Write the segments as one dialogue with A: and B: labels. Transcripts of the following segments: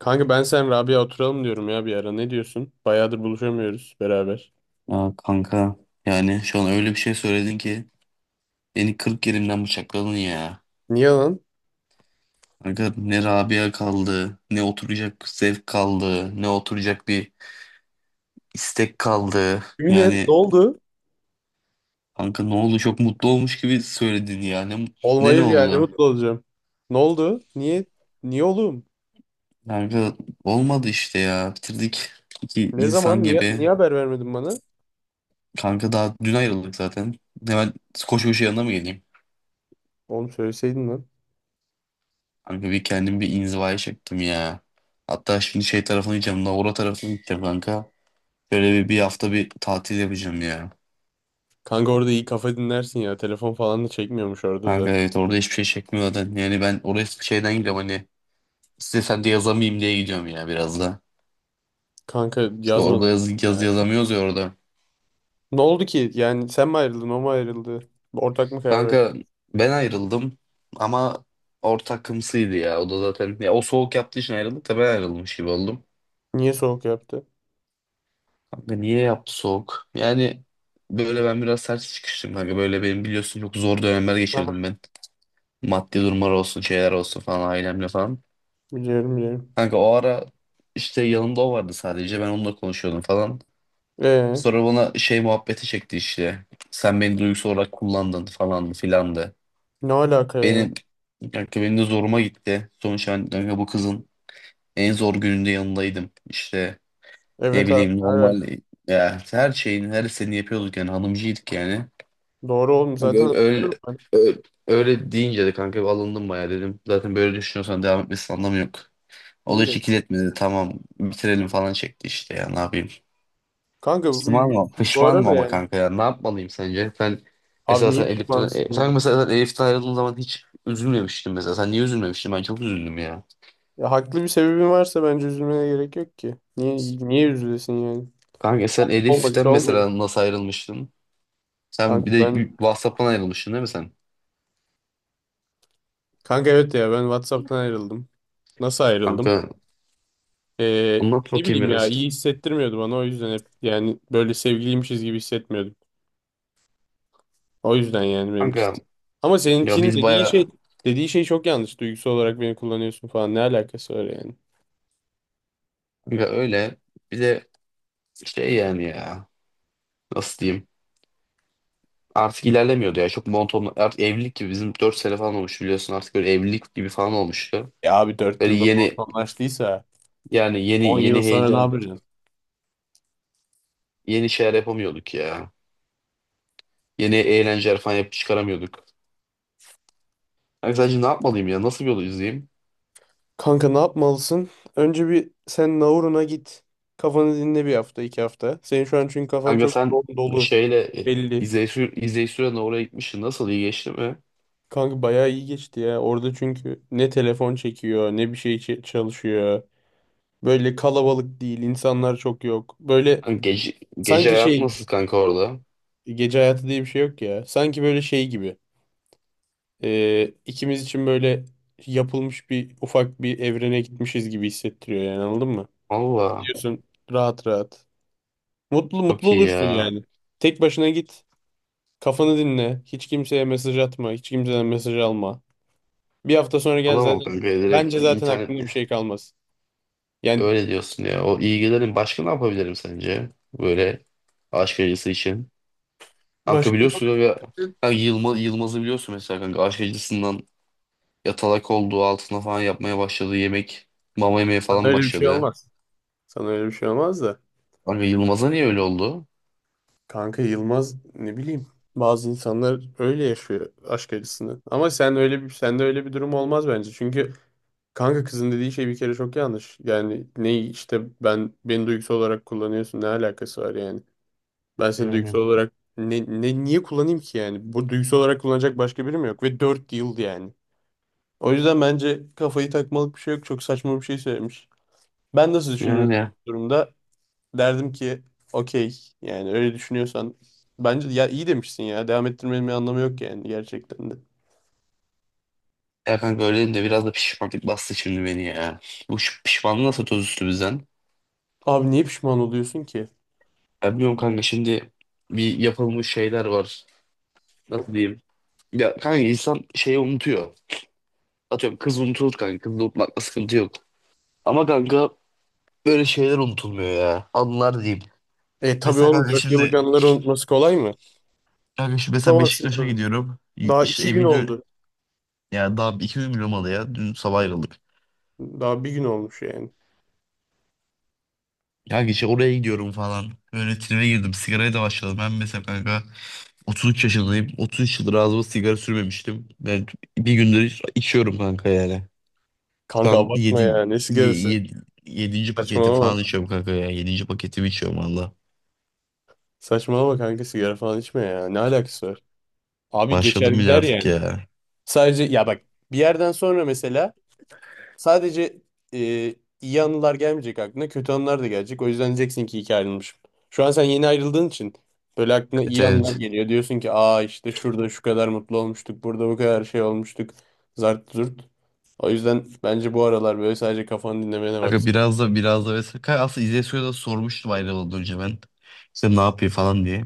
A: Kanka ben sen Rabia oturalım diyorum ya bir ara. Ne diyorsun? Bayağıdır buluşamıyoruz beraber.
B: Aa, kanka yani şu an öyle bir şey söyledin ki beni 40 yerimden bıçakladın ya.
A: Niye lan?
B: Kanka ne Rabia kaldı, ne oturacak zevk kaldı, ne oturacak bir istek kaldı.
A: Yemin et ne
B: Yani
A: oldu?
B: kanka ne oldu çok mutlu olmuş gibi söyledin ya. Ne
A: Olmayır yani
B: oldu?
A: mutlu olacağım. Ne oldu? Niye? Niye oğlum?
B: Kanka olmadı işte ya. Bitirdik iki
A: Ne
B: insan
A: zaman? Niye,
B: gibi.
A: niye haber vermedin bana?
B: Kanka daha dün ayrıldık zaten. Hemen koşu koşu yanına mı geleyim?
A: Oğlum söyleseydin lan.
B: Kanka bir kendim bir inzivaya çektim ya. Hatta şimdi şey tarafına gideceğim. Navura tarafına gideceğim kanka. Böyle bir hafta bir tatil yapacağım ya.
A: Kanka orada iyi kafa dinlersin ya. Telefon falan da çekmiyormuş orada
B: Kanka
A: zaten.
B: evet orada hiçbir şey çekmiyor zaten. Yani ben oraya şeyden gideceğim hani. İstesem de yazamayayım diye gidiyorum ya biraz da.
A: Kanka
B: İşte
A: yazma
B: orada yazı
A: ya.
B: yazamıyoruz ya orada.
A: Ne oldu ki? Yani sen mi ayrıldın? O mu ayrıldı? Ortak mı karar verdi?
B: Kanka ben ayrıldım ama ortak kımsıydı ya. O da zaten ya o soğuk yaptığı için ayrıldık da ben ayrılmış gibi oldum.
A: Niye soğuk yaptı?
B: Kanka niye yaptı soğuk? Yani böyle ben biraz sert çıkıştım kanka. Böyle benim biliyorsun çok zor dönemler geçirdim
A: Aha.
B: ben. Maddi durumlar olsun, şeyler olsun falan ailemle falan.
A: Biliyorum biliyorum.
B: Kanka o ara işte yanımda o vardı sadece. Ben onunla konuşuyordum falan.
A: Ee,
B: Sonra bana şey muhabbeti çekti işte. Sen beni duygusal olarak kullandın falan filandı.
A: ne alaka ya?
B: Benim kanka benim de zoruma gitti. Sonuçta ben kanka bu kızın en zor gününde yanındaydım. İşte ne
A: Evet abi.
B: bileyim
A: Ne
B: normal
A: alaka?
B: ya her şeyin her istediğini yapıyorduk yani hanımcıydık yani.
A: Doğru oğlum
B: Kanka
A: zaten hatırlıyorum ben.
B: öyle, öyle deyince de kanka bir alındım bayağı dedim. Zaten böyle düşünüyorsan devam etmesinin anlamı yok. O da hiç
A: İyidir.
B: ikiletmedi. Tamam bitirelim falan çekti işte ya ne yapayım.
A: Kanka bu
B: Pişmanım,
A: üzgünsün bu
B: pişmanım
A: arada
B: ama
A: yani.
B: kanka ya ne yapmalıyım sence? Sen
A: Abi
B: mesela
A: niye
B: sen Elif'ten,
A: pişmansın
B: e,
A: yani?
B: sen mesela sen Elif'ten ayrıldığın zaman hiç üzülmemiştin mesela. Sen niye üzülmemiştin? Ben çok üzüldüm ya.
A: Ya haklı bir sebebin varsa bence üzülmene gerek yok ki. Niye üzülesin yani?
B: Kanka sen Elif'ten
A: Olmadıysa olmuyor.
B: mesela nasıl ayrılmıştın? Sen
A: Kanka
B: bir de
A: ben
B: WhatsApp'tan ayrılmıştın değil mi sen?
A: Kanka evet ya ben WhatsApp'tan ayrıldım. Nasıl ayrıldım?
B: Kanka anlat
A: Ne
B: bakayım
A: bileyim ya
B: biraz.
A: iyi hissettirmiyordu bana o yüzden hep yani böyle sevgiliymişiz gibi hissetmiyordum. O yüzden yani benimki.
B: Kanka
A: Ama
B: ya
A: seninkinin
B: biz
A: dediği
B: baya
A: şey çok yanlış. Duygusal olarak beni kullanıyorsun falan ne alakası var yani?
B: kanka öyle. Bize şey yani ya nasıl diyeyim artık ilerlemiyordu ya çok monoton artık evlilik gibi bizim 4 sene falan olmuş biliyorsun artık böyle evlilik gibi falan olmuştu.
A: Ya abi 4
B: Böyle
A: yılda
B: yeni
A: anlaştıysa
B: yani yeni
A: 10 yıl
B: yeni
A: sonra ne
B: heyecan
A: yapacaksın?
B: yeni şeyler yapamıyorduk ya. Yeni eğlenceler falan yapıp çıkaramıyorduk. Kanka sence ne yapmalıyım ya nasıl bir yol izleyeyim?
A: Kanka ne yapmalısın? Önce bir sen Nauru'na git. Kafanı dinle bir hafta, iki hafta. Senin şu an çünkü kafan
B: Kanka
A: çok
B: sen
A: yoğun, dolu,
B: şeyle
A: belli.
B: izleyici sürenle oraya gitmişsin nasıl iyi geçti mi?
A: Kanka bayağı iyi geçti ya. Orada çünkü ne telefon çekiyor, ne bir şey çalışıyor. Böyle kalabalık değil, insanlar çok yok. Böyle
B: Kanka gece
A: sanki
B: hayatı
A: şey,
B: nasıl kanka orada?
A: gece hayatı diye bir şey yok ya. Sanki böyle şey gibi. İkimiz için böyle yapılmış bir ufak bir evrene gitmişiz gibi hissettiriyor yani anladın mı?
B: Valla
A: Diyorsun rahat rahat. Mutlu mutlu
B: çok iyi
A: olursun
B: ya.
A: yani. Tek başına git. Kafanı dinle. Hiç kimseye mesaj atma. Hiç kimseden mesaj alma. Bir hafta sonra gel
B: Alamam
A: zaten.
B: kanka direkt
A: Bence zaten
B: internet.
A: aklında bir şey kalmaz. Yani
B: Öyle diyorsun ya. O ilgilerin başka ne yapabilirim sence? Böyle aşk acısı için. Kanka
A: başka
B: biliyorsun ya kanka Yılmaz'ı biliyorsun mesela kanka aşk acısından yatalak olduğu altına falan yapmaya başladı. Yemek mama yemeye
A: sana
B: falan
A: öyle bir şey
B: başladı.
A: olmaz. Sana öyle bir şey olmaz da.
B: Kanka Yılmaz'a niye öyle oldu?
A: Kanka Yılmaz ne bileyim. Bazı insanlar öyle yaşıyor aşk acısını. Ama sen öyle bir sende öyle bir durum olmaz bence. Çünkü kanka kızın dediği şey bir kere çok yanlış. Yani ne işte ben beni duygusal olarak kullanıyorsun ne alakası var yani. Ben seni
B: Yani.
A: duygusal olarak ne niye kullanayım ki yani? Bu duygusal olarak kullanacak başka birim yok ve 4 yıl yani. O yüzden bence kafayı takmalık bir şey yok. Çok saçma bir şey söylemiş. Ben nasıl düşünürüm
B: Yani.
A: bu durumda? Derdim ki okey yani öyle düşünüyorsan bence ya iyi demişsin ya. Devam ettirmenin bir anlamı yok yani gerçekten de.
B: Ya kanka öyle dedim de biraz da pişmanlık bastı şimdi beni ya. Bu şu pişmanlığı nasıl toz üstü bizden?
A: Abi niye pişman oluyorsun ki?
B: Ya bilmiyorum kanka şimdi bir yapılmış şeyler var. Nasıl diyeyim? Ya kanka insan şeyi unutuyor. Atıyorum kız unutulur kanka. Kızı unutmakla sıkıntı yok. Ama kanka böyle şeyler unutulmuyor ya. Anılar diyeyim.
A: E tabii
B: Mesela
A: oğlum
B: kanka
A: 4 yıllık
B: şimdi
A: anıları unutması kolay mı?
B: kanka şimdi mesela
A: Unutamazsın
B: Beşiktaş'a
A: tabii.
B: gidiyorum.
A: Daha
B: İşte
A: 2 gün
B: evin ön-
A: oldu.
B: ya daha 2 gün bile olmadı ya. Dün sabah ayrıldık.
A: Daha bir gün olmuş yani.
B: Kanka işte oraya gidiyorum falan. Böyle tribe girdim. Sigaraya da başladım. Ben mesela kanka 33 yaşındayım. 33 yıldır ağzıma sigara sürmemiştim. Ben bir gündür içiyorum kanka yani. Şu
A: Kanka
B: an
A: abartma ya. Ne sigarası?
B: yedi, yedinci paketi
A: Saçmalama.
B: falan içiyorum kanka ya. 7. paketimi içiyorum valla.
A: Saçmalama kanka sigara falan içme ya. Ne alakası var? Abi geçer
B: Başladım bile
A: gider
B: artık
A: yani.
B: ya.
A: Sadece ya bak bir yerden sonra mesela sadece e, iyi anılar gelmeyecek aklına kötü anılar da gelecek. O yüzden diyeceksin ki iyi ki ayrılmışım. Şu an sen yeni ayrıldığın için böyle aklına
B: Evet,
A: iyi anılar
B: evet.
A: geliyor. Diyorsun ki aa işte şurada şu kadar mutlu olmuştuk. Burada bu kadar şey olmuştuk. Zart zurt. O yüzden bence bu aralar böyle sadece kafanı dinlemene bak.
B: Kanka biraz da vesaire. Kanka aslında İzzet Su'ya da sormuştum ayrılmadan önce ben. İşte ne yapıyor falan diye.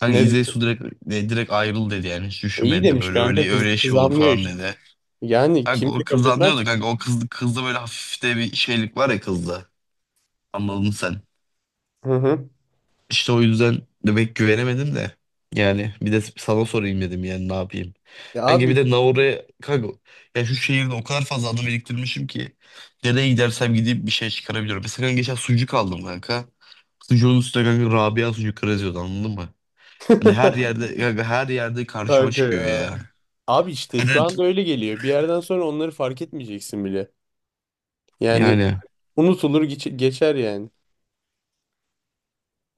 B: Kanka
A: Ne?
B: İzzet Su direkt ayrıl dedi yani. Hiç
A: İyi
B: düşünmedi
A: demiş
B: böyle
A: kanka
B: öyle
A: kız,
B: öyle
A: kız
B: şey olur
A: anlıyor
B: falan
A: işte.
B: dedi.
A: Yani
B: Kanka
A: kimse
B: o
A: kabul
B: kızdan
A: etmez
B: diyordu
A: ki.
B: kanka o kızda böyle hafif de bir şeylik var ya kızda. Anladın sen.
A: Hı hı.
B: İşte o yüzden de pek güvenemedim de. Yani bir de sana sorayım dedim yani ne yapayım.
A: Ya
B: Kanka bir
A: abi
B: de Naura'ya kanka ya şu şehirde o kadar fazla anı biriktirmişim ki nereye gidersem gideyim bir şey çıkarabiliyorum. Mesela kanka geçen sucuk aldım kanka. Sucuğun üstüne kanka Rabia sucuk yazıyordu anladın mı? Hani her yerde kanka her yerde karşıma
A: Kanka
B: çıkıyor
A: ya.
B: ya.
A: Abi işte şu
B: Hani
A: anda öyle geliyor. Bir yerden sonra onları fark etmeyeceksin bile. Yani
B: yani
A: unutulur geçer yani.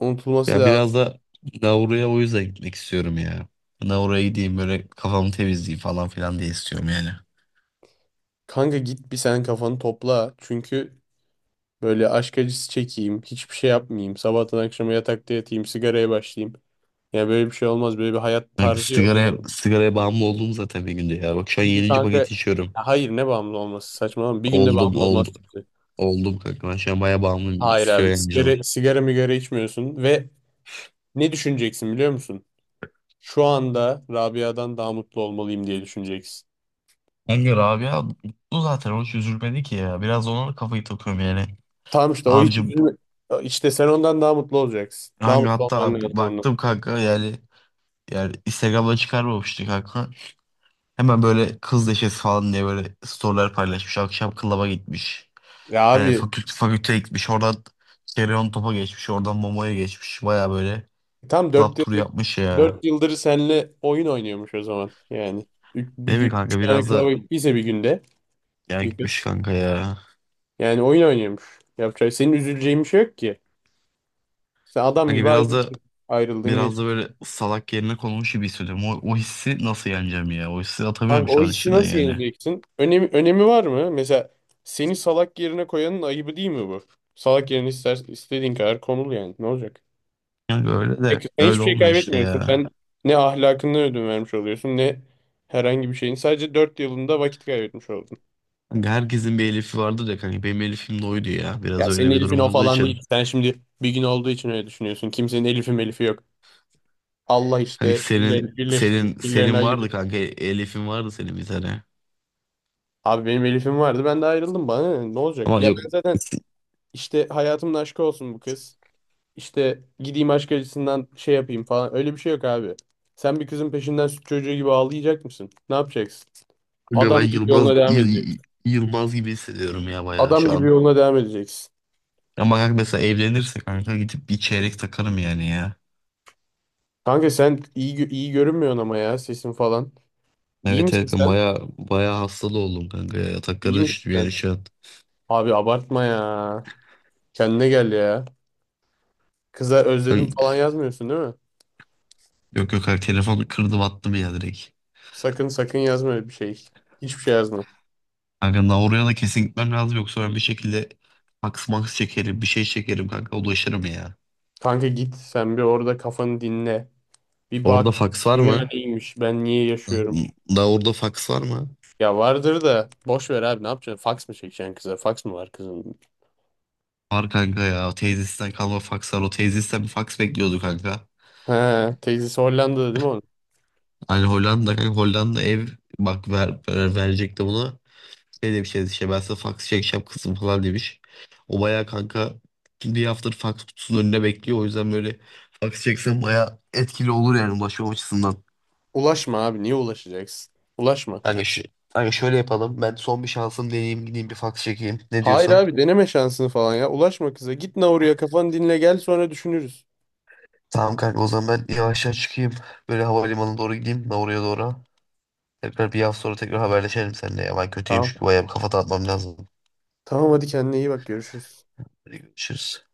A: Unutulması
B: ya biraz
A: lazım.
B: da Naura'ya o yüzden gitmek istiyorum ya. Naura'ya gideyim böyle kafamı temizleyeyim falan filan diye istiyorum yani.
A: Kanka git bir sen kafanı topla. Çünkü böyle aşk acısı çekeyim. Hiçbir şey yapmayayım. Sabahtan akşama yatakta yatayım. Sigaraya başlayayım. Yani böyle bir şey olmaz. Böyle bir hayat
B: Kanka
A: tarzı yok.
B: sigaraya bağımlı oldum zaten bir günde ya. Bak şu an
A: Çünkü
B: yedinci
A: kanka ya
B: paket içiyorum.
A: hayır ne bağımlı olması saçmalama. Bir günde
B: Oldum,
A: bağımlı olmaz
B: oldum.
A: kimse.
B: Oldum kanka. Ben şu an bayağı bağımlıyım.
A: Hayır
B: İstiyor
A: abi
B: yani canım.
A: sigara migara içmiyorsun ve ne düşüneceksin biliyor musun? Şu anda Rabia'dan daha mutlu olmalıyım diye düşüneceksin.
B: Kanka Rabia mutlu zaten o hiç üzülmedi ki ya. Biraz ona da kafayı takıyorum yani.
A: Tamam işte o hiç
B: Harcı
A: üzülme. İşte sen ondan daha mutlu olacaksın. Daha
B: hangi
A: mutlu olman
B: hatta
A: lazım ondan.
B: baktım kanka yani Instagram'da çıkarmamıştı kanka. Hemen böyle kız neşesi falan diye böyle storyler paylaşmış. Akşam klaba gitmiş.
A: Ya
B: Yani
A: abi
B: fakülteye gitmiş. Oradan Kereon Top'a geçmiş. Oradan Momo'ya geçmiş. Baya böyle
A: tam dört
B: club turu
A: yıldır
B: yapmış ya.
A: dört yıldır seninle oyun oynuyormuş o zaman. Yani bir
B: Değil mi
A: gün 3
B: kanka
A: tane
B: biraz da
A: klavye gittiyse bir günde
B: ya
A: bir
B: gitmiş
A: kız.
B: kanka ya.
A: Yani oyun oynuyormuş. Yapacak senin üzüleceğin bir şey yok ki. Sen adam
B: Kanka
A: gibi
B: biraz da
A: ayrıldın.
B: biraz da böyle salak yerine konulmuş gibi hissediyorum. O hissi nasıl yeneceğim ya? O hissi atamıyorum
A: Kanka o
B: şu an
A: hissi
B: içimden
A: nasıl
B: yani.
A: yeneceksin? Önemi var mı? Mesela seni salak yerine koyanın ayıbı değil mi bu? Salak yerine istediğin kadar konul yani. Ne olacak?
B: Kanka öyle de
A: Sen hiçbir
B: öyle
A: şey
B: olmuyor işte
A: kaybetmiyorsun.
B: ya.
A: Sen ne ahlakını ödün vermiş oluyorsun ne herhangi bir şeyin. Sadece 4 yılında vakit kaybetmiş oldun.
B: Kanka herkesin bir Elif'i vardır ya kanka. Benim Elif'im de oydu ya. Biraz
A: Ya senin
B: öyle bir
A: Elif'in
B: durum
A: o
B: olduğu
A: falan
B: için.
A: değil. Sen şimdi bir gün olduğu için öyle düşünüyorsun. Kimsenin Elif'i melifi yok. Allah
B: Kanka
A: işte
B: senin
A: birilerini birleştirir,
B: senin
A: birilerini
B: senin vardı
A: ayırır.
B: kanka. Elif'in vardı senin bir tane.
A: Abi benim Elif'im vardı ben de ayrıldım bana ne olacak?
B: Ama
A: Ya
B: yok.
A: ben zaten işte hayatımın aşkı olsun bu kız. İşte gideyim aşk acısından şey yapayım falan. Öyle bir şey yok abi. Sen bir kızın peşinden süt çocuğu gibi ağlayacak mısın? Ne yapacaksın?
B: Kanka ben
A: Adam gibi yoluna devam edeceksin.
B: Yılmaz gibi hissediyorum ya bayağı
A: Adam
B: şu
A: gibi
B: an.
A: yoluna devam edeceksin.
B: Ama kanka mesela evlenirse kanka gidip bir çeyrek takarım yani ya.
A: Kanka sen iyi iyi görünmüyorsun ama ya sesin falan. İyi
B: Evet,
A: misin
B: evet ben
A: sen?
B: baya baya hastalı oldum kanka ya. Yataklara
A: İyi misin
B: düştüm
A: sen?
B: yani şu an.
A: Abi abartma ya. Kendine gel ya. Kıza özledim
B: Ay,
A: falan yazmıyorsun değil mi?
B: yok, yok kanka telefonu kırdım attım ya direkt.
A: Sakın sakın yazma öyle bir şey. Hiçbir şey yazma.
B: Kanka daha oraya da kesin gitmem lazım yoksa ben bir şekilde fax max çekerim bir şey çekerim kanka ulaşırım ya.
A: Kanka git sen bir orada kafanı dinle. Bir bak
B: Orada fax var
A: dünya
B: mı?
A: neymiş, ben niye
B: Daha,
A: yaşıyorum.
B: daha orada fax var mı?
A: Ya vardır da boş ver abi ne yapacaksın? Fax mı çekeceksin kıza? Fax mı var kızın?
B: Var kanka ya teyzesinden kalma fax var o teyzesinden bir fax bekliyordu kanka.
A: He, teyzesi Hollanda'da değil mi onun?
B: Hani Hollanda kanka Hollanda ev bak verecekti bunu. Şey demiş yani işte ben size fax çekeceğim kızım falan demiş. O bayağı kanka bir haftadır fax kutusunun önünde bekliyor. O yüzden böyle fax çeksen bayağı etkili olur yani ulaşma açısından.
A: Ulaşma abi niye ulaşacaksın? Ulaşma.
B: Kanka, şu, kanka şöyle yapalım. Ben son bir şansım deneyeyim gideyim bir fax çekeyim. Ne
A: Hayır
B: diyorsun?
A: abi deneme şansını falan ya. Ulaşma kıza. Git Nauru'ya kafanı dinle gel sonra düşünürüz.
B: Tamam kanka o zaman ben yavaştan çıkayım. Böyle havalimanına doğru gideyim. Ben oraya doğru. Tekrar bir hafta sonra tekrar haberleşelim seninle. Ya. Ben kötüyüm
A: Tamam.
B: çünkü bayağı bir kafa dağıtmam lazım.
A: Tamam hadi kendine iyi bak görüşürüz.
B: Hadi görüşürüz.